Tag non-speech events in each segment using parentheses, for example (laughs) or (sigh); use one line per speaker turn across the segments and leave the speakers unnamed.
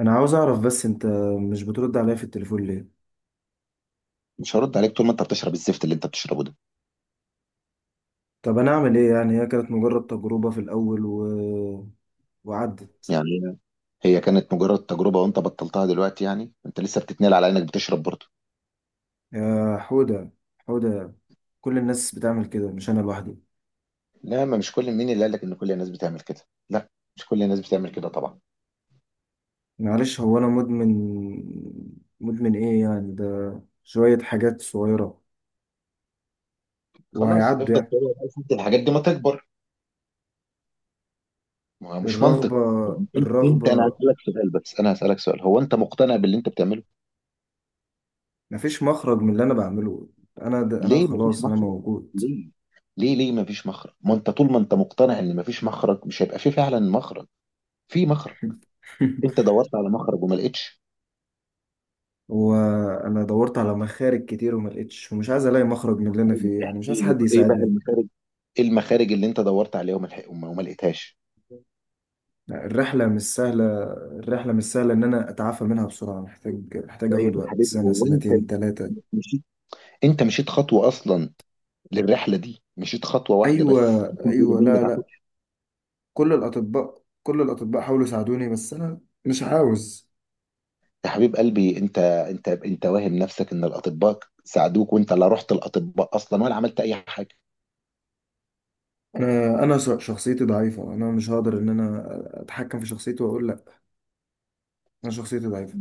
انا عاوز اعرف بس انت مش بترد عليا في التليفون ليه؟
مش هرد عليك طول ما انت بتشرب الزفت اللي انت بتشربه ده.
طب انا اعمل ايه يعني؟ هي كانت مجرد تجربة في الاول، وعدت.
يعني هي كانت مجرد تجربة وانت بطلتها دلوقتي، يعني انت لسه بتتنال على انك بتشرب برضه.
يا حودة، حودة، كل الناس بتعمل كده، مش انا لوحدي.
لا، ما مش كل مين اللي قال لك ان كل الناس بتعمل كده. لا، مش كل الناس بتعمل كده طبعا.
معلش، هو انا مدمن؟ مدمن ايه يعني ده؟ شوية حاجات صغيرة
خلاص،
وهيعدوا
افضل
يعني.
تقول لك انت الحاجات دي ما تكبر. ما هو مش
الرغبة
منطق. انت انا
الرغبة.
هسألك سؤال، بس انا هسألك سؤال، هو انت مقتنع باللي انت بتعمله؟
مفيش مخرج من اللي انا بعمله. انا ده انا،
ليه مفيش
خلاص، انا
مخرج؟
موجود.
ليه ليه مفيش مخرج؟ ما انت طول ما انت مقتنع ان مفيش مخرج، مش هيبقى في فعلا مخرج. في مخرج.
(laughs)
انت دورت على مخرج وما لقيتش.
وانا دورت على مخارج كتير وما لقيتش، ومش عايز الاقي مخرج من اللي انا
طيب
فيه يعني، مش
احكي
عايز
لي،
حد
طيب ايه بقى
يساعدني.
المخارج؟ ايه المخارج اللي انت دورت عليها وما ما لقيتهاش؟
الرحله مش سهله الرحله مش سهله ان انا اتعافى منها بسرعه. محتاج اخد
طيب يا
وقت،
حبيبي،
سنه،
هو انت
سنتين، ثلاثه.
مشيت، انت مشيت خطوه اصلا؟ للرحله دي مشيت خطوه واحده
ايوه،
بس عشان تقول
ايوه،
لي ما
لا، لا.
تعرفش.
كل الاطباء حاولوا يساعدوني، بس انا مش عاوز.
يا حبيب قلبي انت واهم نفسك ان الاطباء ساعدوك، وانت لا رحت الاطباء اصلا ولا عملت اي حاجه.
شخصيتي ضعيفه، انا مش هقدر ان انا اتحكم في شخصيتي واقول لا. انا شخصيتي ضعيفه.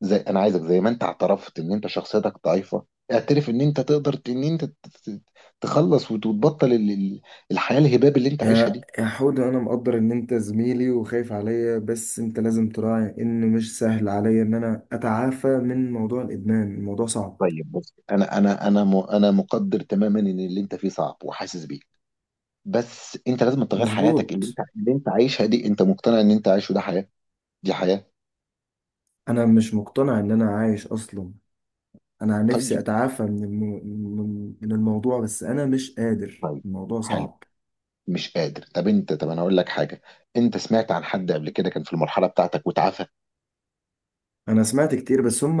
زي انا عايزك زي ما انت اعترفت ان انت شخصيتك ضعيفه، اعترف ان انت تقدر ان انت ت- تخلص وتبطل الحياه الهباب اللي انت عايشها
يا
دي.
يا حودة، أنا مقدر إن أنت زميلي وخايف عليا، بس أنت لازم تراعي إن مش سهل عليا إن أنا أتعافى من موضوع الإدمان. الموضوع صعب.
طيب بص، انا مقدر تماما ان اللي انت فيه صعب وحاسس بيه. بس انت لازم تغير حياتك اللي انت
مظبوط.
اللي انت عايشها دي. انت مقتنع ان انت عايشه، ده حياه؟ دي حياه.
أنا مش مقتنع إن أنا عايش أصلا. أنا نفسي
طيب.
أتعافى من من الموضوع، بس أنا مش قادر،
طيب.
الموضوع
حلو.
صعب.
مش قادر؟ طب انا اقول لك حاجه، انت سمعت عن حد قبل كده كان في المرحله بتاعتك وتعافى؟
أنا سمعت كتير، بس هم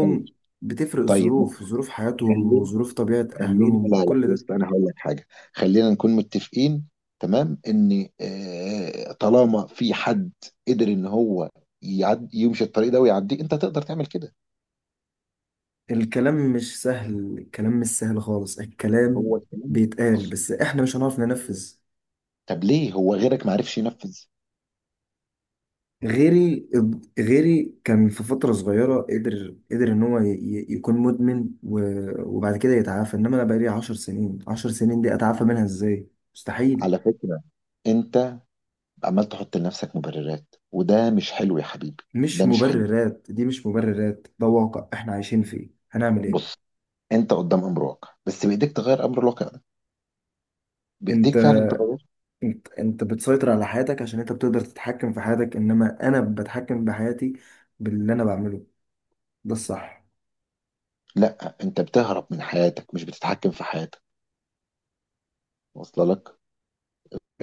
طيب.
بتفرق
طيب. لا،
الظروف، ظروف حياتهم
خلينا،
وظروف طبيعة أهلهم،
لا لا،
كل
بص
ده.
انا هقول لك حاجه. خلينا نكون متفقين تمام، ان طالما في حد قدر ان هو يعد يمشي الطريق ده ويعديه، انت تقدر تعمل كده.
الكلام مش سهل، الكلام مش سهل خالص،
هو
الكلام
الكلام.
بيتقال
بص.
بس احنا مش هنعرف ننفذ.
طب ليه هو غيرك ما عرفش ينفذ؟
غيري غيري كان في فترة صغيرة، قدر ان هو يكون مدمن وبعد كده يتعافى، انما انا بقالي 10 سنين. 10 سنين دي اتعافى منها ازاي؟ مستحيل.
على فكرة انت عمال تحط لنفسك مبررات، وده مش حلو يا حبيبي.
مش
ده مش حلو.
مبررات، دي مش مبررات، ده واقع احنا عايشين فيه، هنعمل ايه؟
بص، انت قدام امر واقع، بس بايديك تغير امر الواقع ده.
انت
بايديك فعلا تغير.
انت بتسيطر على حياتك عشان انت بتقدر تتحكم في حياتك، انما انا بتحكم بحياتي باللي انا بعمله، ده الصح.
لا انت بتهرب من حياتك، مش بتتحكم في حياتك. واصله لك؟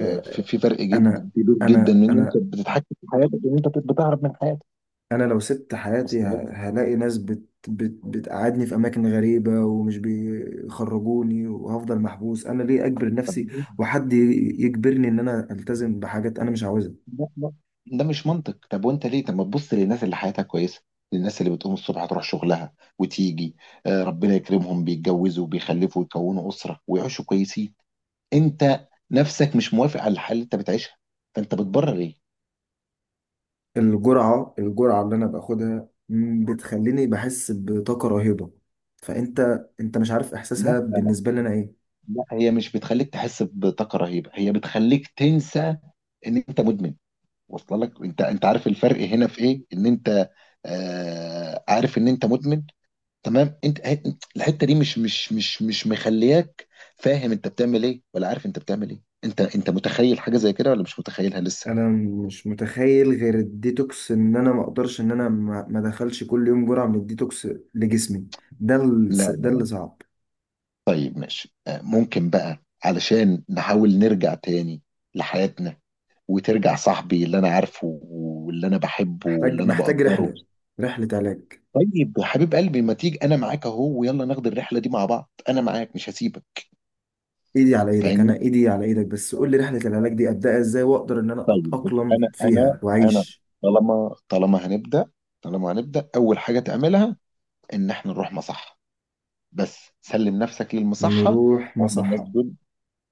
في في فرق جدا
انا
كبير جدا
انا
من ان انت
انا
بتتحكم في حياتك وان انت بتهرب من حياتك.
انا لو سبت حياتي
واصله لك؟
هلاقي ناس بت بت بتقعدني في اماكن غريبه ومش بيخرجوني وهفضل محبوس. انا ليه اجبر
طب،
نفسي وحد يجبرني ان انا التزم بحاجات انا مش عاوزها؟
ده ده مش منطق. طب وانت ليه؟ طب ما تبص للناس اللي حياتها كويسه، للناس اللي بتقوم الصبح تروح شغلها وتيجي، ربنا يكرمهم، بيتجوزوا وبيخلفوا ويكونوا اسره ويعيشوا كويسين. انت نفسك مش موافق على الحال اللي انت بتعيشها، فانت بتبرر ايه؟
الجرعه اللي انا باخدها بتخليني بحس بطاقه رهيبه. فانت مش عارف
لا.
احساسها بالنسبه لي انا ايه.
لا، هي مش بتخليك تحس بطاقه رهيبه، هي بتخليك تنسى ان انت مدمن. واصل لك؟ انت عارف الفرق هنا في ايه، ان انت عارف ان انت مدمن. تمام. الحته دي مش مخلياك فاهم انت بتعمل ايه ولا عارف انت بتعمل ايه. انت متخيل حاجه زي كده ولا مش متخيلها لسه؟
انا مش متخيل غير الديتوكس، ان انا ما اقدرش ان انا ما دخلش كل يوم جرعة من الديتوكس لجسمي.
لا.
ده اللي صعب.
طيب ماشي. ممكن بقى علشان نحاول نرجع تاني لحياتنا، وترجع صاحبي اللي انا عارفه واللي انا بحبه واللي
محتاج
انا
محتاج
بقدره.
رحلة علاج.
طيب يا حبيب قلبي، ما تيجي انا معاك اهو ويلا ناخد الرحله دي مع بعض، انا معاك مش هسيبك.
ايدي على ايدك،
فاهمني؟
انا ايدي على ايدك، بس قول لي رحلة العلاج دي ابدأها ازاي، واقدر ان انا
طيب بص،
اتأقلم
انا انا
فيها
انا
واعيش.
طالما، هنبدا، طالما هنبدا، اول حاجه تعملها ان احنا نروح مصحة. بس سلم نفسك للمصحة
نروح
وهم الناس
مصحة.
دول.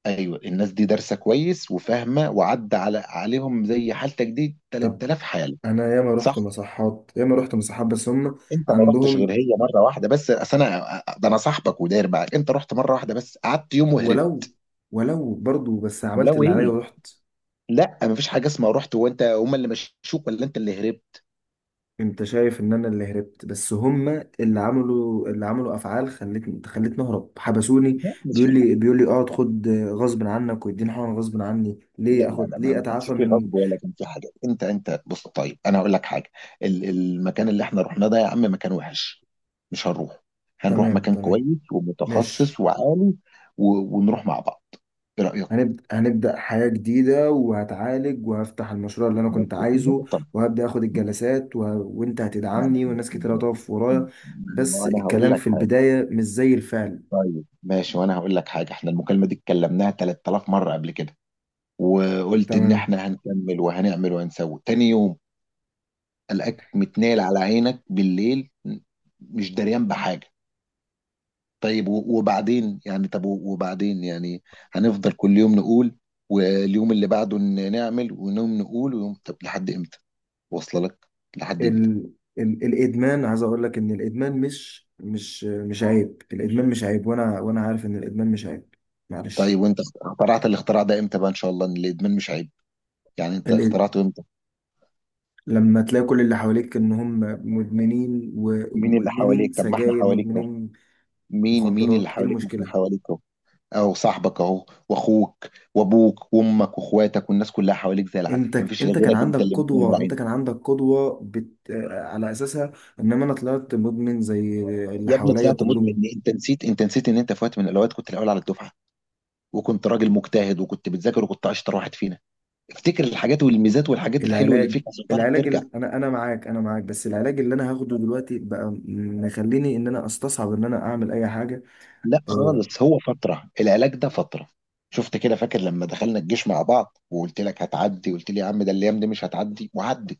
ايوه الناس دي دارسة كويس وفاهمة، وعدى عليهم زي حالتك دي
طب
3000 حالة.
انا ياما
صح.
رحت مصحات، ياما رحت مصحات، بس هم
انت ما رحتش غير
عندهم.
هي مرة واحدة بس، اصل انا ده انا صاحبك وداير معاك، انت رحت مرة واحدة بس قعدت يوم
ولو
وهربت.
ولو برضو بس عملت
ولو
اللي عليا
ايه؟
ورحت.
لا، مفيش حاجة اسمها رحت وانت هم اللي مشوك، ولا انت اللي هربت.
انت شايف ان انا اللي هربت، بس هما اللي عملوا اللي عملوا افعال خلتني اهرب، حبسوني.
لا مش
بيقول لي اقعد خد غصب عنك، ويديني حقن غصب عني.
لا
ليه
لا
اخد؟
لا، ما
ليه
ما كانش
اتعافى
فيه
من...
غصب ولا كان فيه حاجه. انت، انت بص طيب انا هقول لك حاجه. المكان اللي احنا رحناه ده يا عم مكان وحش. مش هنروح، هنروح
تمام،
مكان
تمام،
كويس
ماشي.
ومتخصص وعالي. و... ونروح مع بعض، ايه رايك؟
هنبدأ حياة جديدة، وهتعالج، وهفتح المشروع اللي انا كنت
بس في
عايزه،
نقطه.
وهبدأ اخد الجلسات، و... وانت
ما انا
هتدعمني والناس
ما
كتير هتقف ورايا.
أنا-
بس
ما أنا هقول
الكلام
لك
في
حاجه.
البداية مش زي الفعل.
طيب ماشي، وانا هقول لك حاجه، احنا المكالمه دي اتكلمناها 3000 مره قبل كده، وقلت ان
تمام.
احنا هنكمل وهنعمل وهنسوي تاني يوم. قلقك متنايل على عينك بالليل، مش دريان بحاجه. طيب وبعدين يعني؟ وبعدين يعني؟ هنفضل كل يوم نقول، واليوم اللي بعده نعمل، ونوم نقول، ويوم، طب لحد امتى؟ واصله لك؟ لحد امتى؟
ال... الادمان، عايز اقول لك ان الادمان مش عيب. الادمان مش عيب، وانا عارف ان الادمان مش عيب.
طيب
معلش.
وانت اخترعت الاختراع ده امتى بقى ان شاء الله، ان الادمان مش عيب؟ يعني انت
ال...
اخترعته امتى؟
لما تلاقي كل اللي حواليك ان هم مدمنين،
مين اللي
ومدمنين
حواليك؟ طب ما احنا
سجاير،
حواليك اهو.
مدمنين
مين اللي
مخدرات، ايه
حواليك؟ ما احنا
المشكله؟
حواليك اهو. اهو صاحبك اهو واخوك وابوك وامك واخواتك، والناس كلها حواليك زي العسل،
انت
ما فيش
انت كان
غيرك
عندك
انت اللي مكمل
قدوه،
على
انت
عينك.
كان عندك قدوه على اساسها، انما انا طلعت مدمن زي اللي
يا ابني
حواليا
طلعت مدمن!
كلهم.
انت نسيت ان انت في وقت من الاوقات كنت الاول على الدفعه، وكنت راجل مجتهد، وكنت بتذاكر، وكنت اشطر واحد فينا. افتكر الحاجات والميزات والحاجات الحلوه اللي
العلاج،
فيك عشان تعرف ترجع.
انا معاك، انا معاك، بس العلاج اللي انا هاخده دلوقتي بقى مخليني ان انا استصعب ان انا اعمل اي حاجه.
لا
أه...
خالص، هو فتره العلاج ده فتره. شفت كده؟ فاكر لما دخلنا الجيش مع بعض وقلت لك هتعدي، قلت لي يا عم ده الايام دي مش هتعدي، وعدت.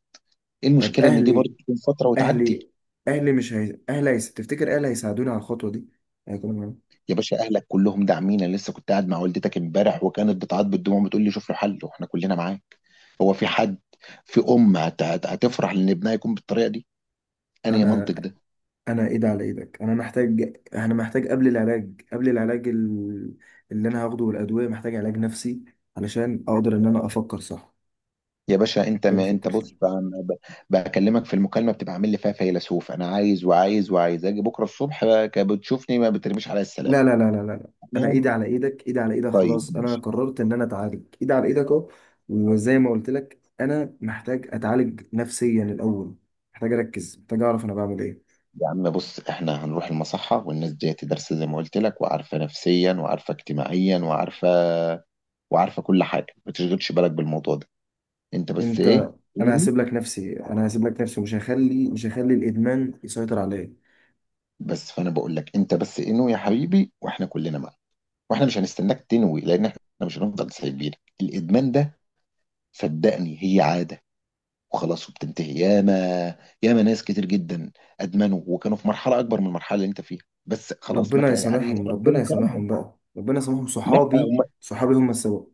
ايه
طب
المشكله ان دي برضه
اهلي،
تكون فتره وتعدي؟
اهلي مش هي... تفتكر اهلي هيساعدوني على الخطوه دي؟ هيكونوا معايا؟
يا باشا اهلك كلهم داعمين، انا لسه كنت قاعد مع والدتك امبارح، وكانت بتعيط بالدموع بتقول لي شوف له حل واحنا كلنا معاك. هو في حد، في ام هتفرح لان ابنها يكون بالطريقه دي؟ انهي
انا
منطق ده؟
انا ايد على ايدك، انا محتاج قبل العلاج اللي انا هاخده والادويه، محتاج علاج نفسي علشان اقدر ان انا افكر صح.
يا باشا انت،
محتاج
ما انت
افكر صح.
بص ب- ب- بكلمك في المكالمه بتبقى عامل لي فيها فيلسوف، انا عايز وعايز وعايز، اجي بكره الصبح بقى بتشوفني ما بترميش عليا السلام.
لا، لا، لا، لا، لا، لا. انا
لا.
ايدي على ايدك، ايدي على ايدك،
طيب
خلاص، انا
ماشي.
قررت ان انا اتعالج، ايدي على ايدك اهو. وزي ما قلت لك، انا محتاج اتعالج نفسيا الاول، محتاج اركز، محتاج اعرف انا بعمل ايه.
يا عم بص احنا هنروح المصحة، والناس دي تدرس زي ما قلت لك، وعارفة نفسيا وعارفة اجتماعيا وعارفة، وعارفة كل حاجة. ما تشغلش بالك بالموضوع ده، انت بس
انت،
ايه؟
انا
انوي.
هسيب لك نفسي، انا هسيب لك نفسي، مش هخلي الادمان يسيطر عليا.
بس فانا بقول لك انت بس انوي يا حبيبي، واحنا كلنا معاك، واحنا مش هنستناك تنوي، لان احنا مش هنفضل سايبينك الادمان ده. صدقني هي عادة وخلاص، وبتنتهي. ياما، ياما ناس كتير جدا ادمنوا، وكانوا في مرحله اكبر من المرحله اللي انت فيها، بس خلاص ما
ربنا
كان يعني،
يسامحهم، ربنا
ربنا كرمهم.
يسامحهم بقى، ربنا يسامحهم،
لا
صحابي،
هم،
صحابي هم السبب.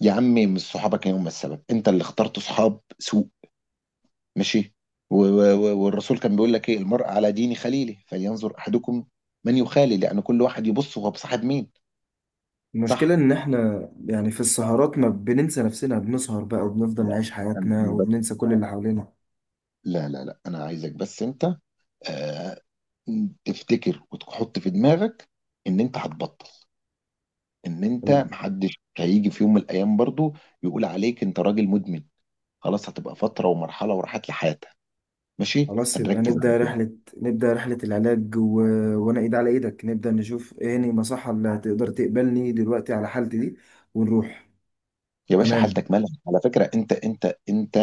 يا عمي مش صحابك هم السبب، انت اللي اخترت صحاب سوء. ماشي. والرسول كان بيقول لك ايه؟ المرء على دين خليله، فلينظر احدكم من يخالي، لان كل واحد يبص هو بصاحب مين.
المشكلة
صح.
إن إحنا يعني في السهرات ما بننسى نفسنا، بنسهر بقى وبنفضل
لا،
نعيش
انا
حياتنا
أنا بس،
وبننسى كل اللي حوالينا.
لا لا لا، انا عايزك بس انت آه تفتكر وتحط في دماغك ان انت هتبطل، ان انت محدش هيجي في يوم من الايام برضو يقول عليك انت راجل مدمن. خلاص هتبقى فتره ومرحله وراحت لي حياتها، ماشي؟
خلاص يبقى
فنركز على كده.
نبدأ رحلة العلاج، وأنا إيد على إيدك، نبدأ نشوف إيه هني المصحة اللي هتقدر تقبلني دلوقتي على حالتي دي، ونروح.
يا باشا حالتك
تمام.
مالها، على فكره، انت انت انت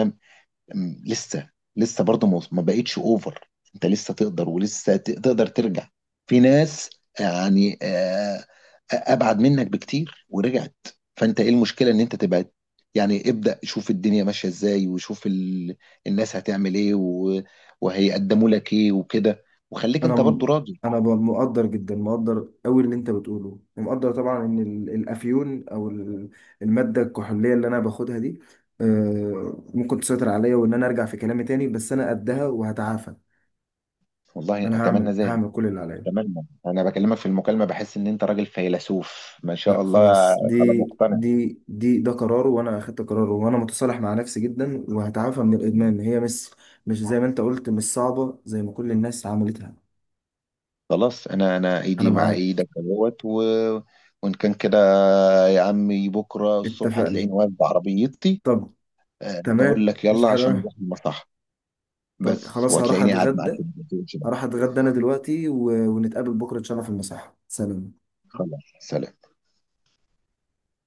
لسه، لسه برضه ما بقتش اوفر. انت لسه تقدر، ولسه تقدر ترجع. في ناس يعني ابعد منك بكتير ورجعت. فانت ايه المشكله ان انت تبعد؟ يعني ابدأ شوف الدنيا ماشيه ازاي، وشوف ال... الناس هتعمل ايه، و... وهيقدموا لك ايه وكده، وخليك
أنا
انت برضه
م...
راضي.
أنا ب- مقدر جدا، مقدر أوي اللي أنت بتقوله، ومقدر طبعا إن الأفيون أو المادة الكحولية اللي أنا باخدها دي ممكن تسيطر عليا، وإن أنا أرجع في كلامي تاني، بس أنا قدها وهتعافى.
والله
أنا
اتمنى
هعمل
ذلك.
هعمل كل اللي عليا.
اتمنى. انا بكلمك في المكالمه بحس ان انت راجل فيلسوف ما شاء
لا
الله.
خلاص،
خلاص
دي
مقتنع.
دي دي ده قرار، وانا اخدت قراره، وانا متصالح مع نفسي جدا، وهتعافى من الادمان. هي مش، مش زي ما انت قلت، مش صعبه، زي ما كل الناس عملتها.
خلاص انا
انا
ايدي مع
معاك.
ايدك اهوت. و... وان كان كده يا عمي بكره الصبح
اتفقنا.
هتلاقيني واقف بعربيتي.
طب
بقول
تمام،
لك
مش
يلا
حاجه.
عشان نروح المصح،
طب
بس.
خلاص، هروح
وهتلاقيني قاعد معاك
اتغدى،
في البيت.
هروح اتغدى انا دلوقتي، و... ونتقابل بكره ان شاء الله في المساحه. سلام.
خلاص. سلام.